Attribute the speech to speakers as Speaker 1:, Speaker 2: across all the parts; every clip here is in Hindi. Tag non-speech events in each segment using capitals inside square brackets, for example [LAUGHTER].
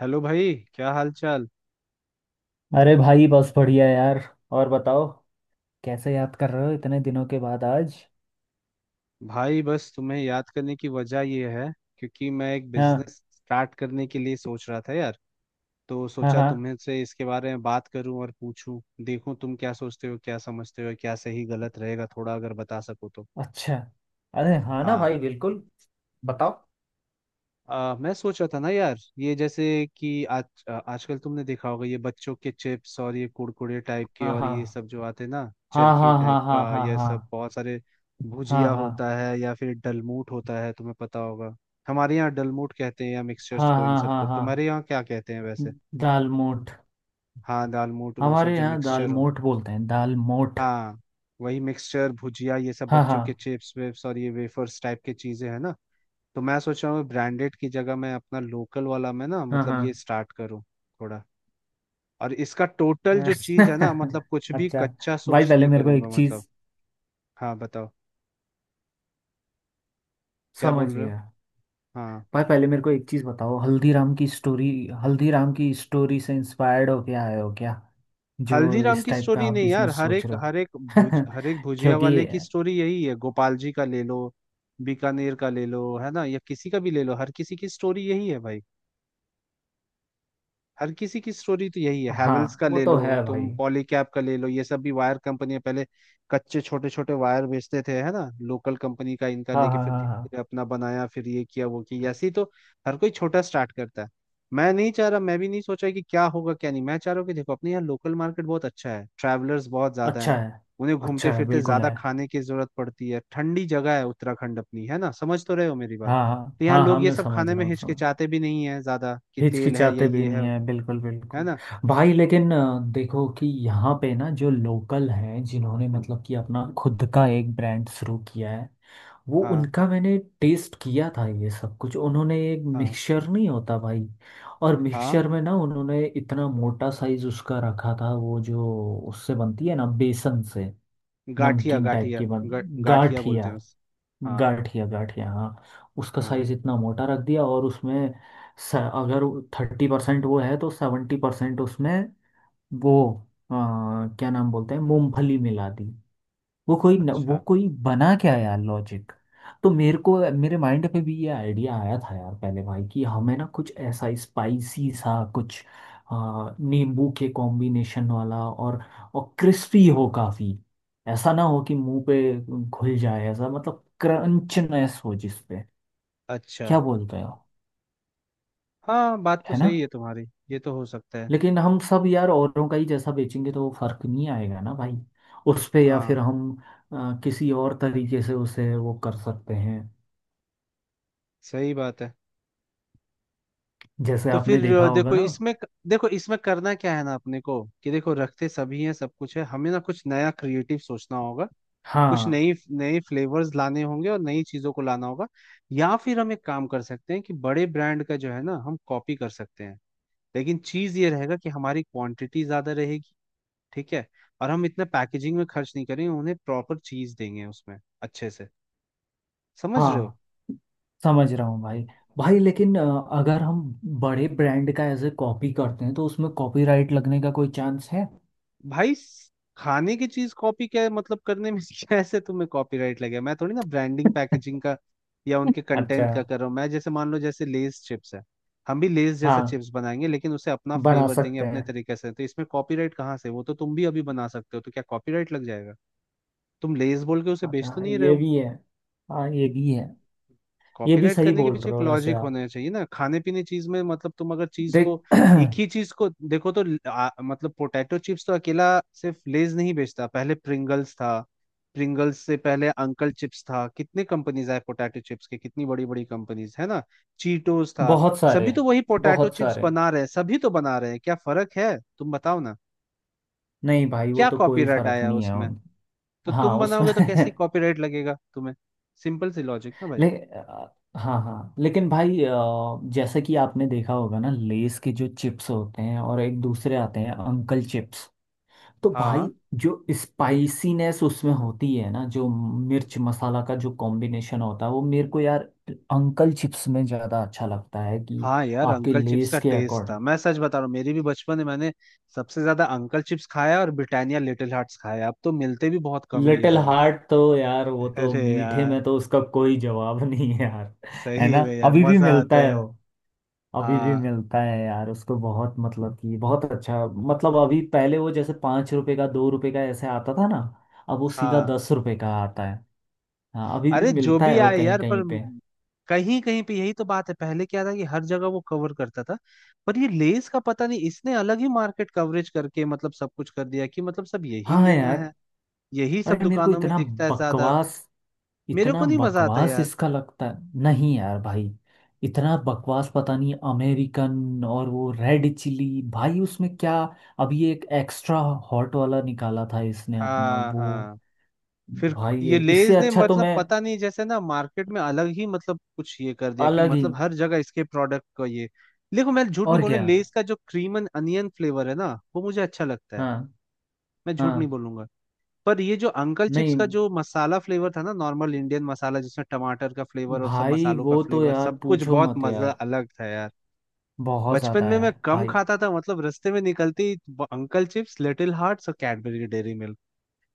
Speaker 1: हेलो भाई, क्या हाल चाल।
Speaker 2: अरे भाई, बस बढ़िया यार। और बताओ, कैसे याद कर रहे हो इतने दिनों के बाद आज।
Speaker 1: भाई बस तुम्हें याद करने की वजह ये है क्योंकि मैं एक
Speaker 2: हाँ।
Speaker 1: बिजनेस स्टार्ट करने के लिए सोच रहा था यार। तो
Speaker 2: हाँ
Speaker 1: सोचा
Speaker 2: हाँ।
Speaker 1: तुम्हें से इसके बारे में बात करूं और पूछूं, देखूं तुम क्या सोचते हो, क्या समझते हो, क्या सही गलत रहेगा, थोड़ा अगर बता सको तो।
Speaker 2: अच्छा। अरे हाँ ना
Speaker 1: हाँ।
Speaker 2: भाई, बिल्कुल। बताओ।
Speaker 1: मैं सोच रहा था ना यार ये जैसे कि आज, आजकल तुमने देखा होगा ये बच्चों के चिप्स और ये कुरकुरे टाइप के
Speaker 2: हाँ
Speaker 1: और
Speaker 2: हाँ
Speaker 1: ये सब जो आते हैं ना,
Speaker 2: हाँ।
Speaker 1: चरखी
Speaker 2: हाँ
Speaker 1: टाइप
Speaker 2: हाँ हाँ।
Speaker 1: का, ये
Speaker 2: हाँ
Speaker 1: सब बहुत सारे
Speaker 2: हाँ
Speaker 1: भुजिया
Speaker 2: हाँ
Speaker 1: होता
Speaker 2: हाँ।
Speaker 1: है या फिर डलमूट होता है, तुम्हें पता होगा। हमारे यहाँ डलमूट कहते हैं या मिक्सचर्स
Speaker 2: हाँ।
Speaker 1: को, इन
Speaker 2: हाँ हाँ
Speaker 1: सबको
Speaker 2: हाँ।
Speaker 1: तुम्हारे यहाँ क्या कहते हैं वैसे।
Speaker 2: दाल मोठ।
Speaker 1: हाँ दालमूट, वो सब
Speaker 2: हमारे
Speaker 1: जो
Speaker 2: यहाँ दाल
Speaker 1: मिक्सचर हो।
Speaker 2: मोठ बोलते हैं, दाल मोठ।
Speaker 1: हाँ वही मिक्सचर, भुजिया, ये सब
Speaker 2: हाँ
Speaker 1: बच्चों
Speaker 2: हाँ।
Speaker 1: के चिप्स वेप्स और ये वेफर्स टाइप की चीजें हैं ना। तो मैं सोच रहा हूँ ब्रांडेड की जगह मैं अपना लोकल वाला मैं ना
Speaker 2: हाँ
Speaker 1: मतलब
Speaker 2: हाँ।
Speaker 1: ये स्टार्ट करूँ थोड़ा। और इसका टोटल जो चीज़ है ना, मतलब कुछ
Speaker 2: [LAUGHS]
Speaker 1: भी
Speaker 2: अच्छा।
Speaker 1: कच्चा
Speaker 2: भाई
Speaker 1: सोर्स
Speaker 2: पहले
Speaker 1: नहीं
Speaker 2: मेरे को एक
Speaker 1: करूंगा मतलब।
Speaker 2: चीज
Speaker 1: हाँ बताओ, क्या बोल रहे हो।
Speaker 2: समझिए।
Speaker 1: हाँ।
Speaker 2: भाई पहले मेरे को एक चीज बताओ, हल्दीराम की स्टोरी। हल्दीराम की स्टोरी से इंस्पायर्ड हो क्या, आए हो क्या, जो
Speaker 1: हल्दीराम
Speaker 2: इस
Speaker 1: की
Speaker 2: टाइप का
Speaker 1: स्टोरी
Speaker 2: आप
Speaker 1: नहीं यार,
Speaker 2: बिजनेस सोच रहे
Speaker 1: हर एक भुज
Speaker 2: हो?
Speaker 1: हर एक
Speaker 2: [LAUGHS]
Speaker 1: भुजिया
Speaker 2: क्योंकि
Speaker 1: वाले की स्टोरी यही है। गोपाल जी का ले लो, बीकानेर का ले लो, है ना, या किसी का भी ले लो, हर किसी की स्टोरी यही है भाई। हर किसी की स्टोरी तो यही है, हैवेल्स
Speaker 2: हाँ,
Speaker 1: का
Speaker 2: वो
Speaker 1: ले
Speaker 2: तो
Speaker 1: लो,
Speaker 2: है भाई।
Speaker 1: तुम पॉलीकैब का ले लो, ये सब भी वायर कंपनियां पहले कच्चे छोटे छोटे वायर बेचते थे है ना, लोकल कंपनी का इनका
Speaker 2: हाँ
Speaker 1: लेके,
Speaker 2: हाँ
Speaker 1: फिर धीरे
Speaker 2: हाँ हाँ।
Speaker 1: धीरे अपना बनाया, फिर ये किया वो किया, ऐसे ही तो हर कोई छोटा स्टार्ट करता है। मैं नहीं चाह रहा, मैं भी नहीं सोचा कि क्या होगा क्या नहीं, मैं चाह रहा हूँ कि देखो अपने यहाँ लोकल मार्केट बहुत अच्छा है, ट्रैवलर्स बहुत ज्यादा है,
Speaker 2: अच्छा है।
Speaker 1: उन्हें घूमते
Speaker 2: अच्छा है,
Speaker 1: फिरते
Speaker 2: बिल्कुल
Speaker 1: ज्यादा
Speaker 2: है।
Speaker 1: खाने की जरूरत पड़ती है, ठंडी जगह है उत्तराखंड अपनी, है ना, समझ तो रहे हो मेरी बात।
Speaker 2: हाँ हाँ।
Speaker 1: तो यहाँ
Speaker 2: हाँ हाँ,
Speaker 1: लोग ये
Speaker 2: मैं
Speaker 1: सब
Speaker 2: समझ
Speaker 1: खाने
Speaker 2: रहा
Speaker 1: में
Speaker 2: हूँ, समझ।
Speaker 1: हिचकिचाते भी नहीं है ज्यादा कि तेल है या
Speaker 2: हिचकिचाते भी
Speaker 1: ये है
Speaker 2: नहीं है बिल्कुल,
Speaker 1: है
Speaker 2: बिल्कुल।
Speaker 1: ना।
Speaker 2: भाई लेकिन देखो कि यहाँ पे ना जो लोकल हैं, जिन्होंने मतलब कि अपना खुद का एक ब्रांड शुरू किया है, वो
Speaker 1: हाँ
Speaker 2: उनका मैंने टेस्ट किया था। ये सब कुछ उन्होंने, एक
Speaker 1: हाँ
Speaker 2: मिक्सचर नहीं होता भाई? और
Speaker 1: हाँ।
Speaker 2: मिक्सचर में ना उन्होंने इतना मोटा साइज उसका रखा था, वो जो उससे बनती है ना बेसन से,
Speaker 1: गाठिया
Speaker 2: नमकीन टाइप
Speaker 1: गाठिया,
Speaker 2: की बन,
Speaker 1: गाठिया बोलते
Speaker 2: गाठिया।
Speaker 1: हैं उस। हाँ
Speaker 2: गाठिया गाठिया हाँ। उसका
Speaker 1: हाँ।
Speaker 2: साइज इतना मोटा रख दिया, और उसमें अगर 30% वो है तो 70% उसमें वो, अ, क्या नाम बोलते हैं, मूंगफली मिला दी। वो कोई न, वो
Speaker 1: अच्छा।
Speaker 2: कोई बना क्या यार लॉजिक। तो मेरे को, मेरे माइंड पे भी ये आइडिया आया था यार पहले भाई, कि हमें ना कुछ ऐसा स्पाइसी सा कुछ, नींबू के कॉम्बिनेशन वाला, और क्रिस्पी हो काफी। ऐसा ना हो कि मुंह पे घुल जाए, ऐसा मतलब क्रंचनेस हो जिस पे।
Speaker 1: अच्छा।
Speaker 2: क्या बोलते हो?
Speaker 1: हाँ बात तो
Speaker 2: है ना।
Speaker 1: सही है तुम्हारी, ये तो हो सकता है।
Speaker 2: लेकिन हम सब यार औरों का ही जैसा बेचेंगे तो वो फर्क नहीं आएगा ना भाई उस पे। या फिर
Speaker 1: हाँ
Speaker 2: हम किसी और तरीके से उसे वो कर सकते हैं।
Speaker 1: सही बात है।
Speaker 2: जैसे
Speaker 1: तो फिर
Speaker 2: आपने देखा होगा
Speaker 1: देखो
Speaker 2: ना।
Speaker 1: इसमें, देखो इसमें करना क्या है ना अपने को कि देखो रखते सभी हैं, सब कुछ है, हमें ना कुछ नया क्रिएटिव सोचना होगा, कुछ
Speaker 2: हाँ।
Speaker 1: नई नए फ्लेवर्स लाने होंगे और नई चीजों को लाना होगा। या फिर हम एक काम कर सकते हैं कि बड़े ब्रांड का जो है ना हम कॉपी कर सकते हैं, लेकिन चीज ये रहेगा कि हमारी क्वांटिटी ज्यादा रहेगी, ठीक है, और हम इतना पैकेजिंग में खर्च नहीं करेंगे, उन्हें प्रॉपर चीज देंगे उसमें अच्छे से। समझ रहे हो।
Speaker 2: हाँ, समझ रहा हूँ भाई। भाई लेकिन अगर हम बड़े ब्रांड का ऐसे कॉपी करते हैं तो उसमें कॉपीराइट लगने का कोई चांस है?
Speaker 1: भाई खाने की चीज कॉपी क्या मतलब करने में [LAUGHS] कैसे तुम्हें कॉपीराइट लगे। मैं थोड़ी ना ब्रांडिंग पैकेजिंग का या उनके
Speaker 2: अच्छा।
Speaker 1: कंटेंट का कर रहा हूँ। मैं जैसे मान लो, जैसे लेस चिप्स है, हम भी लेस जैसा
Speaker 2: हाँ,
Speaker 1: चिप्स बनाएंगे लेकिन उसे अपना
Speaker 2: बना
Speaker 1: फ्लेवर देंगे
Speaker 2: सकते
Speaker 1: अपने
Speaker 2: हैं।
Speaker 1: तरीके से, तो इसमें कॉपीराइट कहाँ से। वो तो तुम भी अभी बना सकते हो, तो क्या कॉपीराइट लग जाएगा। तुम लेस बोल के उसे बेच तो
Speaker 2: अच्छा,
Speaker 1: नहीं रहे
Speaker 2: ये
Speaker 1: हो।
Speaker 2: भी है। हाँ, ये भी है। ये भी
Speaker 1: कॉपीराइट
Speaker 2: सही
Speaker 1: करने के
Speaker 2: बोल
Speaker 1: पीछे
Speaker 2: रहे
Speaker 1: एक
Speaker 2: हो वैसे
Speaker 1: लॉजिक
Speaker 2: आप।
Speaker 1: होना चाहिए ना, खाने पीने चीज में मतलब तुम अगर चीज
Speaker 2: देख
Speaker 1: को एक
Speaker 2: [CLEARS THROAT]
Speaker 1: ही चीज को देखो तो मतलब पोटैटो चिप्स तो अकेला सिर्फ लेज नहीं बेचता, पहले प्रिंगल्स था, प्रिंगल्स से पहले अंकल चिप्स था। कितने कंपनीज आए पोटैटो चिप्स के, कितनी बड़ी बड़ी कंपनीज है ना, चीटोस था।
Speaker 2: बहुत सारे।
Speaker 1: सभी तो वही पोटैटो
Speaker 2: बहुत
Speaker 1: चिप्स
Speaker 2: सारे।
Speaker 1: बना रहे हैं, सभी तो बना रहे हैं, क्या फर्क है, तुम बताओ ना।
Speaker 2: नहीं भाई, वो
Speaker 1: क्या
Speaker 2: तो कोई
Speaker 1: कॉपीराइट
Speaker 2: फर्क
Speaker 1: आया
Speaker 2: नहीं है
Speaker 1: उसमें।
Speaker 2: उन।
Speaker 1: तो
Speaker 2: हाँ,
Speaker 1: तुम
Speaker 2: उसमें
Speaker 1: बनाओगे तो कैसी
Speaker 2: [LAUGHS]
Speaker 1: कॉपीराइट लगेगा तुम्हें। सिंपल सी लॉजिक ना भाई।
Speaker 2: हाँ हाँ, लेकिन भाई जैसा कि आपने देखा होगा ना, लेस के जो चिप्स होते हैं, और एक दूसरे आते हैं अंकल चिप्स, तो
Speaker 1: हाँ
Speaker 2: भाई जो स्पाइसीनेस उसमें होती है ना, जो मिर्च मसाला का जो कॉम्बिनेशन होता है, वो मेरे को यार अंकल चिप्स में ज़्यादा अच्छा लगता है कि,
Speaker 1: हाँ यार,
Speaker 2: आपके
Speaker 1: अंकल चिप्स का
Speaker 2: लेस के
Speaker 1: टेस्ट
Speaker 2: अकॉर्डिंग।
Speaker 1: था, मैं सच बता रहा हूँ। मेरी भी बचपन में मैंने सबसे ज्यादा अंकल चिप्स खाया और ब्रिटानिया लिटिल हार्ट्स खाया। अब तो मिलते भी बहुत कम है ये
Speaker 2: लिटिल
Speaker 1: दोनों।
Speaker 2: हार्ट तो यार, वो
Speaker 1: [LAUGHS]
Speaker 2: तो
Speaker 1: अरे
Speaker 2: मीठे
Speaker 1: यार
Speaker 2: में तो उसका कोई जवाब नहीं है यार। है
Speaker 1: सही
Speaker 2: ना,
Speaker 1: में यार
Speaker 2: अभी भी
Speaker 1: मजा
Speaker 2: मिलता
Speaker 1: आता
Speaker 2: है?
Speaker 1: है।
Speaker 2: अभी भी
Speaker 1: हाँ
Speaker 2: मिलता है यार उसको, बहुत मतलब कि बहुत अच्छा। मतलब अभी, पहले वो जैसे 5 रुपए का, 2 रुपए का ऐसे आता था ना, अब वो सीधा
Speaker 1: हाँ।
Speaker 2: 10 रुपए का आता है। हाँ, अभी भी
Speaker 1: अरे जो
Speaker 2: मिलता
Speaker 1: भी
Speaker 2: है वो
Speaker 1: आए
Speaker 2: कहीं
Speaker 1: यार,
Speaker 2: कहीं
Speaker 1: पर
Speaker 2: पे।
Speaker 1: कहीं कहीं पे, यही तो बात है। पहले क्या था कि हर जगह वो कवर करता था, पर ये लेस का पता नहीं, इसने अलग ही मार्केट कवरेज करके मतलब सब कुछ कर दिया कि मतलब सब यही
Speaker 2: हाँ
Speaker 1: लेना
Speaker 2: यार।
Speaker 1: है, यही सब
Speaker 2: अरे मेरे को
Speaker 1: दुकानों में
Speaker 2: इतना
Speaker 1: दिखता है ज्यादा।
Speaker 2: बकवास,
Speaker 1: मेरे
Speaker 2: इतना
Speaker 1: को नहीं मजा आता
Speaker 2: बकवास
Speaker 1: यार।
Speaker 2: इसका लगता है, नहीं यार भाई। इतना बकवास, पता नहीं अमेरिकन और वो रेड चिली भाई उसमें क्या। अभी एक एक्स्ट्रा हॉट वाला निकाला था इसने अपना,
Speaker 1: हाँ
Speaker 2: वो
Speaker 1: हाँ। फिर
Speaker 2: भाई
Speaker 1: ये
Speaker 2: ये इससे
Speaker 1: लेज ने
Speaker 2: अच्छा तो
Speaker 1: मतलब
Speaker 2: मैं।
Speaker 1: पता नहीं जैसे ना मार्केट में अलग ही मतलब कुछ ये कर दिया कि
Speaker 2: अलग ही।
Speaker 1: मतलब हर जगह इसके प्रोडक्ट का ये। देखो मैं झूठ नहीं
Speaker 2: और
Speaker 1: बोल रहा,
Speaker 2: क्या।
Speaker 1: लेज का जो क्रीम एंड अनियन फ्लेवर है ना, वो मुझे अच्छा लगता है,
Speaker 2: हाँ
Speaker 1: मैं झूठ नहीं
Speaker 2: हाँ।
Speaker 1: बोलूंगा। पर ये जो अंकल चिप्स
Speaker 2: नहीं
Speaker 1: का जो मसाला फ्लेवर था ना, नॉर्मल इंडियन मसाला जिसमें टमाटर का फ्लेवर और सब
Speaker 2: भाई,
Speaker 1: मसालों का
Speaker 2: वो तो
Speaker 1: फ्लेवर,
Speaker 2: यार
Speaker 1: सब कुछ
Speaker 2: पूछो
Speaker 1: बहुत
Speaker 2: मत
Speaker 1: मजा,
Speaker 2: यार।
Speaker 1: अलग था यार।
Speaker 2: बहुत
Speaker 1: बचपन
Speaker 2: ज्यादा
Speaker 1: में मैं
Speaker 2: यार
Speaker 1: कम
Speaker 2: भाई।
Speaker 1: खाता था, मतलब रास्ते में निकलते ही अंकल चिप्स, लिटिल हार्ट्स और कैडबरी डेयरी मिल्क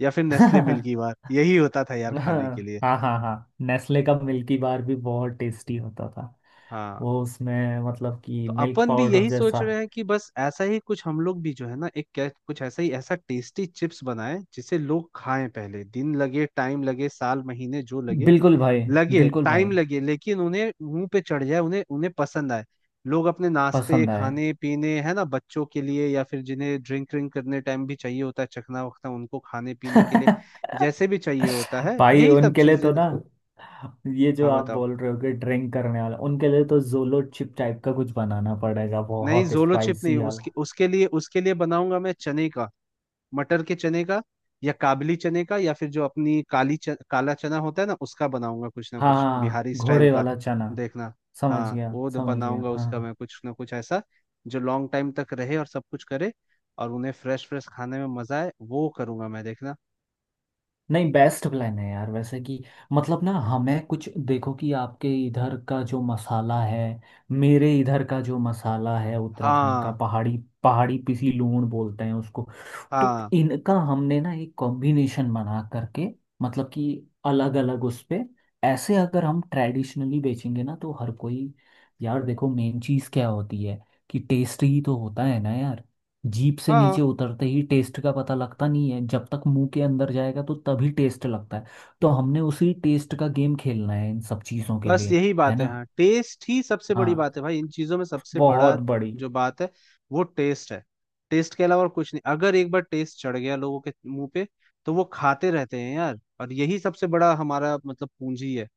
Speaker 1: या फिर नेस्ले मिल्कीबार,
Speaker 2: [LAUGHS]
Speaker 1: यही होता था यार खाने के
Speaker 2: हाँ
Speaker 1: लिए।
Speaker 2: हाँ हाँ, नेस्ले का मिल्की बार भी बहुत टेस्टी होता था।
Speaker 1: हाँ।
Speaker 2: वो उसमें मतलब कि
Speaker 1: तो
Speaker 2: मिल्क
Speaker 1: अपन भी
Speaker 2: पाउडर
Speaker 1: यही सोच
Speaker 2: जैसा।
Speaker 1: रहे हैं कि बस ऐसा ही कुछ हम लोग भी जो है ना एक कुछ ऐसा ही, ऐसा टेस्टी चिप्स बनाए जिसे लोग खाएं। पहले दिन लगे, टाइम लगे, साल महीने जो लगे,
Speaker 2: बिल्कुल भाई।
Speaker 1: लगे,
Speaker 2: बिल्कुल
Speaker 1: टाइम
Speaker 2: भाई।
Speaker 1: लगे, लेकिन उन्हें मुंह पे चढ़ जाए, उन्हें, उन्हें पसंद आए। लोग अपने नाश्ते,
Speaker 2: पसंद आए।
Speaker 1: खाने पीने, है ना, बच्चों के लिए या फिर जिन्हें ड्रिंक व्रिंक करने टाइम भी चाहिए होता है, चखना वखना उनको, खाने पीने के लिए
Speaker 2: [LAUGHS]
Speaker 1: जैसे भी चाहिए होता है,
Speaker 2: भाई
Speaker 1: यही सब
Speaker 2: उनके लिए
Speaker 1: चीजें
Speaker 2: तो
Speaker 1: ना।
Speaker 2: ना, ये जो
Speaker 1: हाँ
Speaker 2: आप
Speaker 1: बताओ।
Speaker 2: बोल रहे हो कि ड्रिंक करने वाला, उनके लिए तो जोलो चिप टाइप का कुछ बनाना पड़ेगा,
Speaker 1: नहीं
Speaker 2: बहुत
Speaker 1: जोलो चिप नहीं,
Speaker 2: स्पाइसी
Speaker 1: उसके,
Speaker 2: वाला।
Speaker 1: उसके लिए, उसके लिए बनाऊंगा मैं चने का, मटर के चने का, या काबली चने का, या फिर जो अपनी काली काला चना होता है ना, उसका बनाऊंगा कुछ ना कुछ
Speaker 2: हाँ,
Speaker 1: बिहारी स्टाइल
Speaker 2: घोड़े
Speaker 1: का,
Speaker 2: वाला चना।
Speaker 1: देखना।
Speaker 2: समझ
Speaker 1: हाँ
Speaker 2: गया,
Speaker 1: वो
Speaker 2: समझ गया
Speaker 1: बनाऊंगा उसका
Speaker 2: हाँ।
Speaker 1: मैं कुछ ना कुछ ऐसा जो लॉन्ग टाइम तक रहे और सब कुछ करे, और उन्हें फ्रेश फ्रेश खाने में मजा आए, वो करूंगा मैं, देखना।
Speaker 2: नहीं, बेस्ट प्लान है यार वैसे कि, मतलब ना हमें कुछ, देखो कि आपके इधर का जो मसाला है, मेरे इधर का जो मसाला है उत्तराखंड का,
Speaker 1: हाँ।
Speaker 2: पहाड़ी, पहाड़ी पिसी लूण बोलते हैं उसको। तो
Speaker 1: हाँ
Speaker 2: इनका हमने ना एक कॉम्बिनेशन बना करके, मतलब कि अलग अलग उस पे, ऐसे अगर हम ट्रेडिशनली बेचेंगे ना तो हर कोई। यार देखो मेन चीज़ क्या होती है, कि टेस्ट ही तो होता है ना यार। जीभ से नीचे
Speaker 1: हाँ।
Speaker 2: उतरते ही टेस्ट का पता लगता नहीं है, जब तक मुंह के अंदर जाएगा तो तभी टेस्ट लगता है। तो हमने उसी टेस्ट का गेम खेलना है इन सब चीज़ों के
Speaker 1: बस
Speaker 2: लिए।
Speaker 1: यही
Speaker 2: है
Speaker 1: बात है।
Speaker 2: ना।
Speaker 1: हाँ टेस्ट ही सबसे बड़ी
Speaker 2: हाँ।
Speaker 1: बात है भाई, इन चीजों में सबसे बड़ा
Speaker 2: बहुत बड़ी।
Speaker 1: जो बात है वो टेस्ट है। टेस्ट के अलावा और कुछ नहीं, अगर एक बार टेस्ट चढ़ गया लोगों के मुंह पे तो वो खाते रहते हैं यार, और यही सबसे बड़ा हमारा मतलब पूंजी है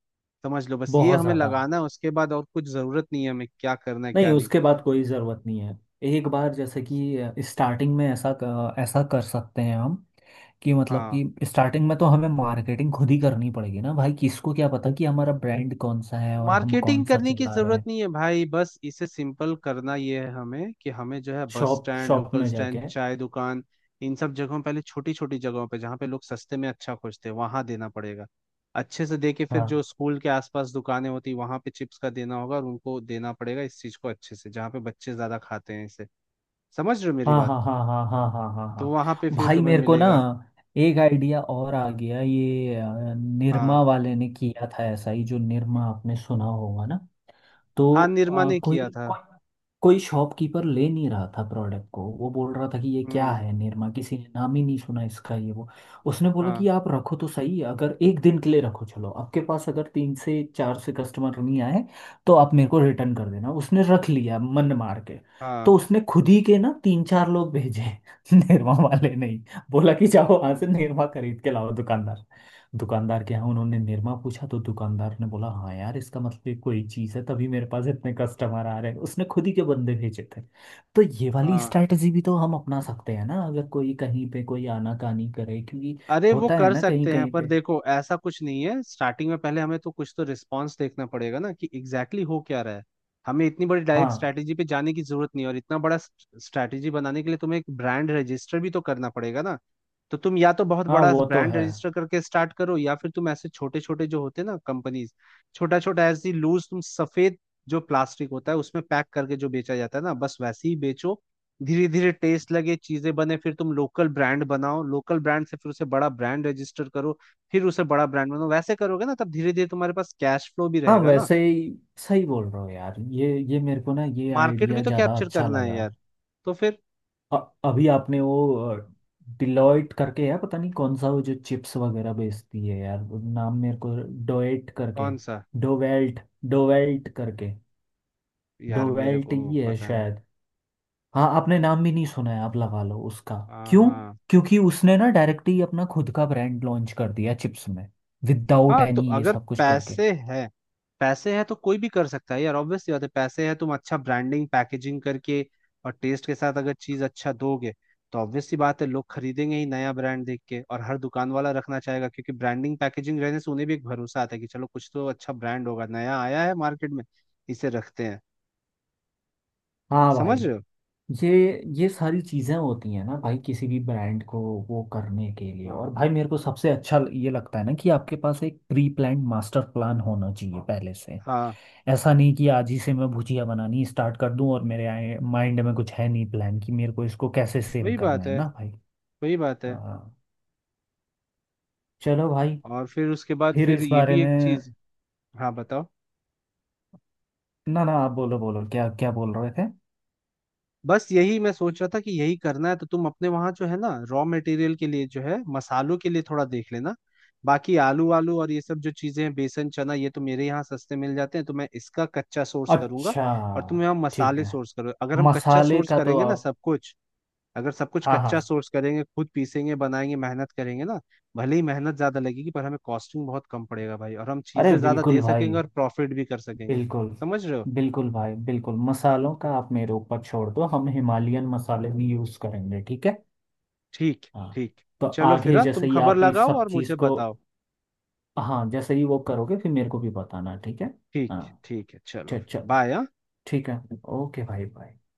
Speaker 1: समझ लो। बस ये
Speaker 2: बहुत
Speaker 1: हमें
Speaker 2: ज़्यादा।
Speaker 1: लगाना है, उसके बाद और कुछ जरूरत नहीं है, हमें क्या करना है
Speaker 2: नहीं,
Speaker 1: क्या नहीं।
Speaker 2: उसके बाद कोई ज़रूरत नहीं है। एक बार जैसे कि स्टार्टिंग में ऐसा ऐसा कर सकते हैं हम, कि मतलब
Speaker 1: हाँ।
Speaker 2: कि स्टार्टिंग में तो हमें मार्केटिंग खुद ही करनी पड़ेगी ना भाई, किसको क्या पता कि हमारा ब्रांड कौन सा है और हम
Speaker 1: मार्केटिंग
Speaker 2: कौन सा
Speaker 1: करने की
Speaker 2: चला रहे
Speaker 1: जरूरत
Speaker 2: हैं।
Speaker 1: नहीं है भाई, बस इसे सिंपल करना ये है हमें कि हमें जो है bus
Speaker 2: shop
Speaker 1: stand,
Speaker 2: shop
Speaker 1: local
Speaker 2: में
Speaker 1: स्टैंड,
Speaker 2: जाके।
Speaker 1: चाय दुकान, इन सब जगहों, पहले छोटी छोटी जगहों पे जहाँ पे लोग सस्ते में अच्छा खोजते हैं, वहां देना पड़ेगा अच्छे से। देके फिर
Speaker 2: हाँ
Speaker 1: जो स्कूल के आसपास दुकानें होती, वहां पे चिप्स का देना होगा और उनको देना पड़ेगा इस चीज को अच्छे से, जहाँ पे बच्चे ज्यादा खाते हैं इसे, समझ रहे हो मेरी
Speaker 2: हाँ
Speaker 1: बात।
Speaker 2: हाँ हाँ हाँ हाँ हाँ हाँ
Speaker 1: तो वहां
Speaker 2: हाँ।
Speaker 1: पे फिर
Speaker 2: भाई
Speaker 1: तुम्हें
Speaker 2: मेरे को ना
Speaker 1: मिलेगा।
Speaker 2: एक आइडिया और आ गया, ये निरमा
Speaker 1: हाँ।
Speaker 2: वाले ने किया था ऐसा ही, जो निरमा आपने सुना होगा ना। तो
Speaker 1: हाँ निरमा ने
Speaker 2: अ, कोई
Speaker 1: किया था।
Speaker 2: कोई कोई शॉपकीपर ले नहीं रहा था प्रोडक्ट को, वो बोल रहा था कि ये क्या
Speaker 1: हम्म।
Speaker 2: है निरमा, किसी ने नाम ही नहीं सुना इसका, ये वो। उसने बोला
Speaker 1: हाँ
Speaker 2: कि आप रखो तो सही, अगर एक दिन के लिए रखो, चलो आपके पास अगर तीन से चार से कस्टमर नहीं आए तो आप मेरे को रिटर्न कर देना। उसने रख लिया मन मार के।
Speaker 1: हाँ
Speaker 2: तो उसने खुद ही के ना तीन चार लोग भेजे, [LAUGHS] निरमा वाले। नहीं, बोला कि जाओ वहां
Speaker 1: हाँ
Speaker 2: से निरमा खरीद के लाओ दुकानदार, दुकानदार के यहाँ। उन्होंने निरमा पूछा, तो दुकानदार ने बोला हाँ यार, इसका मतलब ये कोई चीज़ है, तभी मेरे पास इतने कस्टमर आ रहे हैं। उसने खुद ही के बंदे भेजे थे। तो ये वाली
Speaker 1: हाँ।
Speaker 2: स्ट्रैटेजी भी तो हम अपना सकते हैं ना, अगर कोई कहीं पे कोई आनाकानी करे, क्योंकि
Speaker 1: अरे वो
Speaker 2: होता है
Speaker 1: कर
Speaker 2: ना कहीं
Speaker 1: सकते हैं,
Speaker 2: कहीं
Speaker 1: पर
Speaker 2: पे।
Speaker 1: देखो ऐसा कुछ नहीं है स्टार्टिंग में, पहले हमें तो कुछ तो रिस्पांस देखना पड़ेगा ना, कि एग्जैक्टली exactly हो क्या रहा है। हमें इतनी बड़ी डायरेक्ट
Speaker 2: हाँ
Speaker 1: स्ट्रैटेजी पे जाने की जरूरत नहीं है, और इतना बड़ा स्ट्रैटेजी बनाने के लिए तुम्हें एक ब्रांड रजिस्टर भी तो करना पड़ेगा ना। तो तुम या तो बहुत
Speaker 2: हाँ,
Speaker 1: बड़ा
Speaker 2: वो तो
Speaker 1: ब्रांड
Speaker 2: है।
Speaker 1: रजिस्टर करके स्टार्ट करो, या फिर तुम ऐसे छोटे छोटे जो होते हैं ना कंपनीज, छोटा छोटा ऐसी लूज, तुम सफेद जो प्लास्टिक होता है उसमें पैक करके जो बेचा जाता है ना, बस वैसे ही बेचो। धीरे धीरे टेस्ट लगे, चीजें बने, फिर तुम लोकल ब्रांड बनाओ, लोकल ब्रांड से फिर उसे बड़ा ब्रांड रजिस्टर करो, फिर उसे बड़ा ब्रांड बनाओ। वैसे करोगे ना तब धीरे धीरे तुम्हारे पास कैश फ्लो भी
Speaker 2: हाँ
Speaker 1: रहेगा ना।
Speaker 2: वैसे ही, सही बोल रहे हो यार। ये मेरे को ना ये
Speaker 1: मार्केट भी
Speaker 2: आइडिया
Speaker 1: तो
Speaker 2: ज़्यादा
Speaker 1: कैप्चर
Speaker 2: अच्छा
Speaker 1: करना है
Speaker 2: लगा।
Speaker 1: यार। तो फिर।
Speaker 2: अ- अभी आपने वो डिलॉयट करके है, पता नहीं कौन सा, वो जो चिप्स वगैरह बेचती है यार, वो नाम मेरे को। डोएट करके।
Speaker 1: कौन सा।
Speaker 2: डोवेल्ट, डोवेल्ट करके।
Speaker 1: यार मेरे
Speaker 2: डोवेल्ट
Speaker 1: को
Speaker 2: ही है
Speaker 1: पता है।
Speaker 2: शायद। हाँ, आपने नाम भी नहीं सुना है, आप लगा लो उसका।
Speaker 1: हाँ
Speaker 2: क्यों?
Speaker 1: हाँ।
Speaker 2: क्योंकि उसने ना डायरेक्ट ही अपना खुद का ब्रांड लॉन्च कर दिया चिप्स में, विदाउट
Speaker 1: हाँ तो
Speaker 2: एनी ये
Speaker 1: अगर
Speaker 2: सब कुछ करके।
Speaker 1: पैसे हैं, पैसे हैं तो कोई भी कर सकता है यार, ऑब्वियस सी बात है। पैसे हैं, तुम अच्छा ब्रांडिंग पैकेजिंग करके और टेस्ट के साथ अगर चीज अच्छा दोगे तो ऑब्वियस सी बात है लोग खरीदेंगे ही नया ब्रांड देख के, और हर दुकान वाला रखना चाहेगा क्योंकि ब्रांडिंग पैकेजिंग रहने से उन्हें भी एक भरोसा आता है कि चलो कुछ तो अच्छा ब्रांड होगा, नया आया है मार्केट में, इसे रखते हैं।
Speaker 2: हाँ भाई,
Speaker 1: समझ रहे हो।
Speaker 2: ये ये सारी चीज़ें होती हैं ना भाई, किसी भी ब्रांड को वो करने के लिए। और
Speaker 1: हाँ।
Speaker 2: भाई मेरे को सबसे अच्छा ये लगता है ना, कि आपके पास एक प्री प्लान्ड मास्टर प्लान होना चाहिए पहले से।
Speaker 1: हाँ
Speaker 2: ऐसा नहीं कि आज ही से मैं भुजिया बनानी स्टार्ट कर दूं, और मेरे आए माइंड में कुछ है नहीं प्लान कि मेरे को इसको कैसे सेल
Speaker 1: वही
Speaker 2: करना
Speaker 1: बात
Speaker 2: है
Speaker 1: है
Speaker 2: ना भाई।
Speaker 1: वही बात है।
Speaker 2: हाँ। चलो भाई।
Speaker 1: और फिर उसके बाद
Speaker 2: फिर
Speaker 1: फिर
Speaker 2: इस
Speaker 1: ये
Speaker 2: बारे
Speaker 1: भी
Speaker 2: में।
Speaker 1: एक चीज। हाँ बताओ।
Speaker 2: ना ना, आप बोलो बोलो, क्या क्या बोल रहे थे।
Speaker 1: बस यही मैं सोच रहा था कि यही करना है तो तुम अपने वहां जो है ना रॉ मटेरियल के लिए, जो है मसालों के लिए थोड़ा देख लेना। बाकी आलू वालू और ये सब जो चीजें हैं, बेसन चना, ये तो मेरे यहाँ सस्ते मिल जाते हैं, तो मैं इसका कच्चा सोर्स करूंगा।
Speaker 2: अच्छा।
Speaker 1: और तुम यहाँ
Speaker 2: ठीक
Speaker 1: मसाले
Speaker 2: है।
Speaker 1: सोर्स करो। अगर हम कच्चा
Speaker 2: मसाले
Speaker 1: सोर्स
Speaker 2: का तो
Speaker 1: करेंगे ना
Speaker 2: आप।
Speaker 1: सब कुछ, अगर सब कुछ
Speaker 2: हाँ हाँ।
Speaker 1: कच्चा सोर्स करेंगे, खुद पीसेंगे, बनाएंगे, मेहनत करेंगे ना, भले ही मेहनत ज्यादा लगेगी पर हमें कॉस्टिंग बहुत कम पड़ेगा भाई, और हम
Speaker 2: अरे
Speaker 1: चीजें ज्यादा
Speaker 2: बिल्कुल
Speaker 1: दे
Speaker 2: भाई,
Speaker 1: सकेंगे और प्रॉफिट भी कर सकेंगे।
Speaker 2: बिल्कुल।
Speaker 1: समझ रहे हो।
Speaker 2: बिल्कुल भाई बिल्कुल, मसालों का आप मेरे ऊपर छोड़ दो, हम हिमालयन मसाले भी यूज़ करेंगे, ठीक है।
Speaker 1: ठीक।
Speaker 2: हाँ।
Speaker 1: ठीक।
Speaker 2: तो
Speaker 1: चलो फिर।
Speaker 2: आगे
Speaker 1: हाँ, तुम
Speaker 2: जैसे ही
Speaker 1: खबर
Speaker 2: आप इस
Speaker 1: लगाओ
Speaker 2: सब
Speaker 1: और
Speaker 2: चीज़
Speaker 1: मुझे
Speaker 2: को,
Speaker 1: बताओ।
Speaker 2: हाँ जैसे ही वो करोगे फिर मेरे को भी बताना, ठीक है।
Speaker 1: ठीक।
Speaker 2: हाँ।
Speaker 1: ठीक है चलो
Speaker 2: चल
Speaker 1: फिर,
Speaker 2: चल।
Speaker 1: बाय।
Speaker 2: ठीक है। ओके भाई भाई।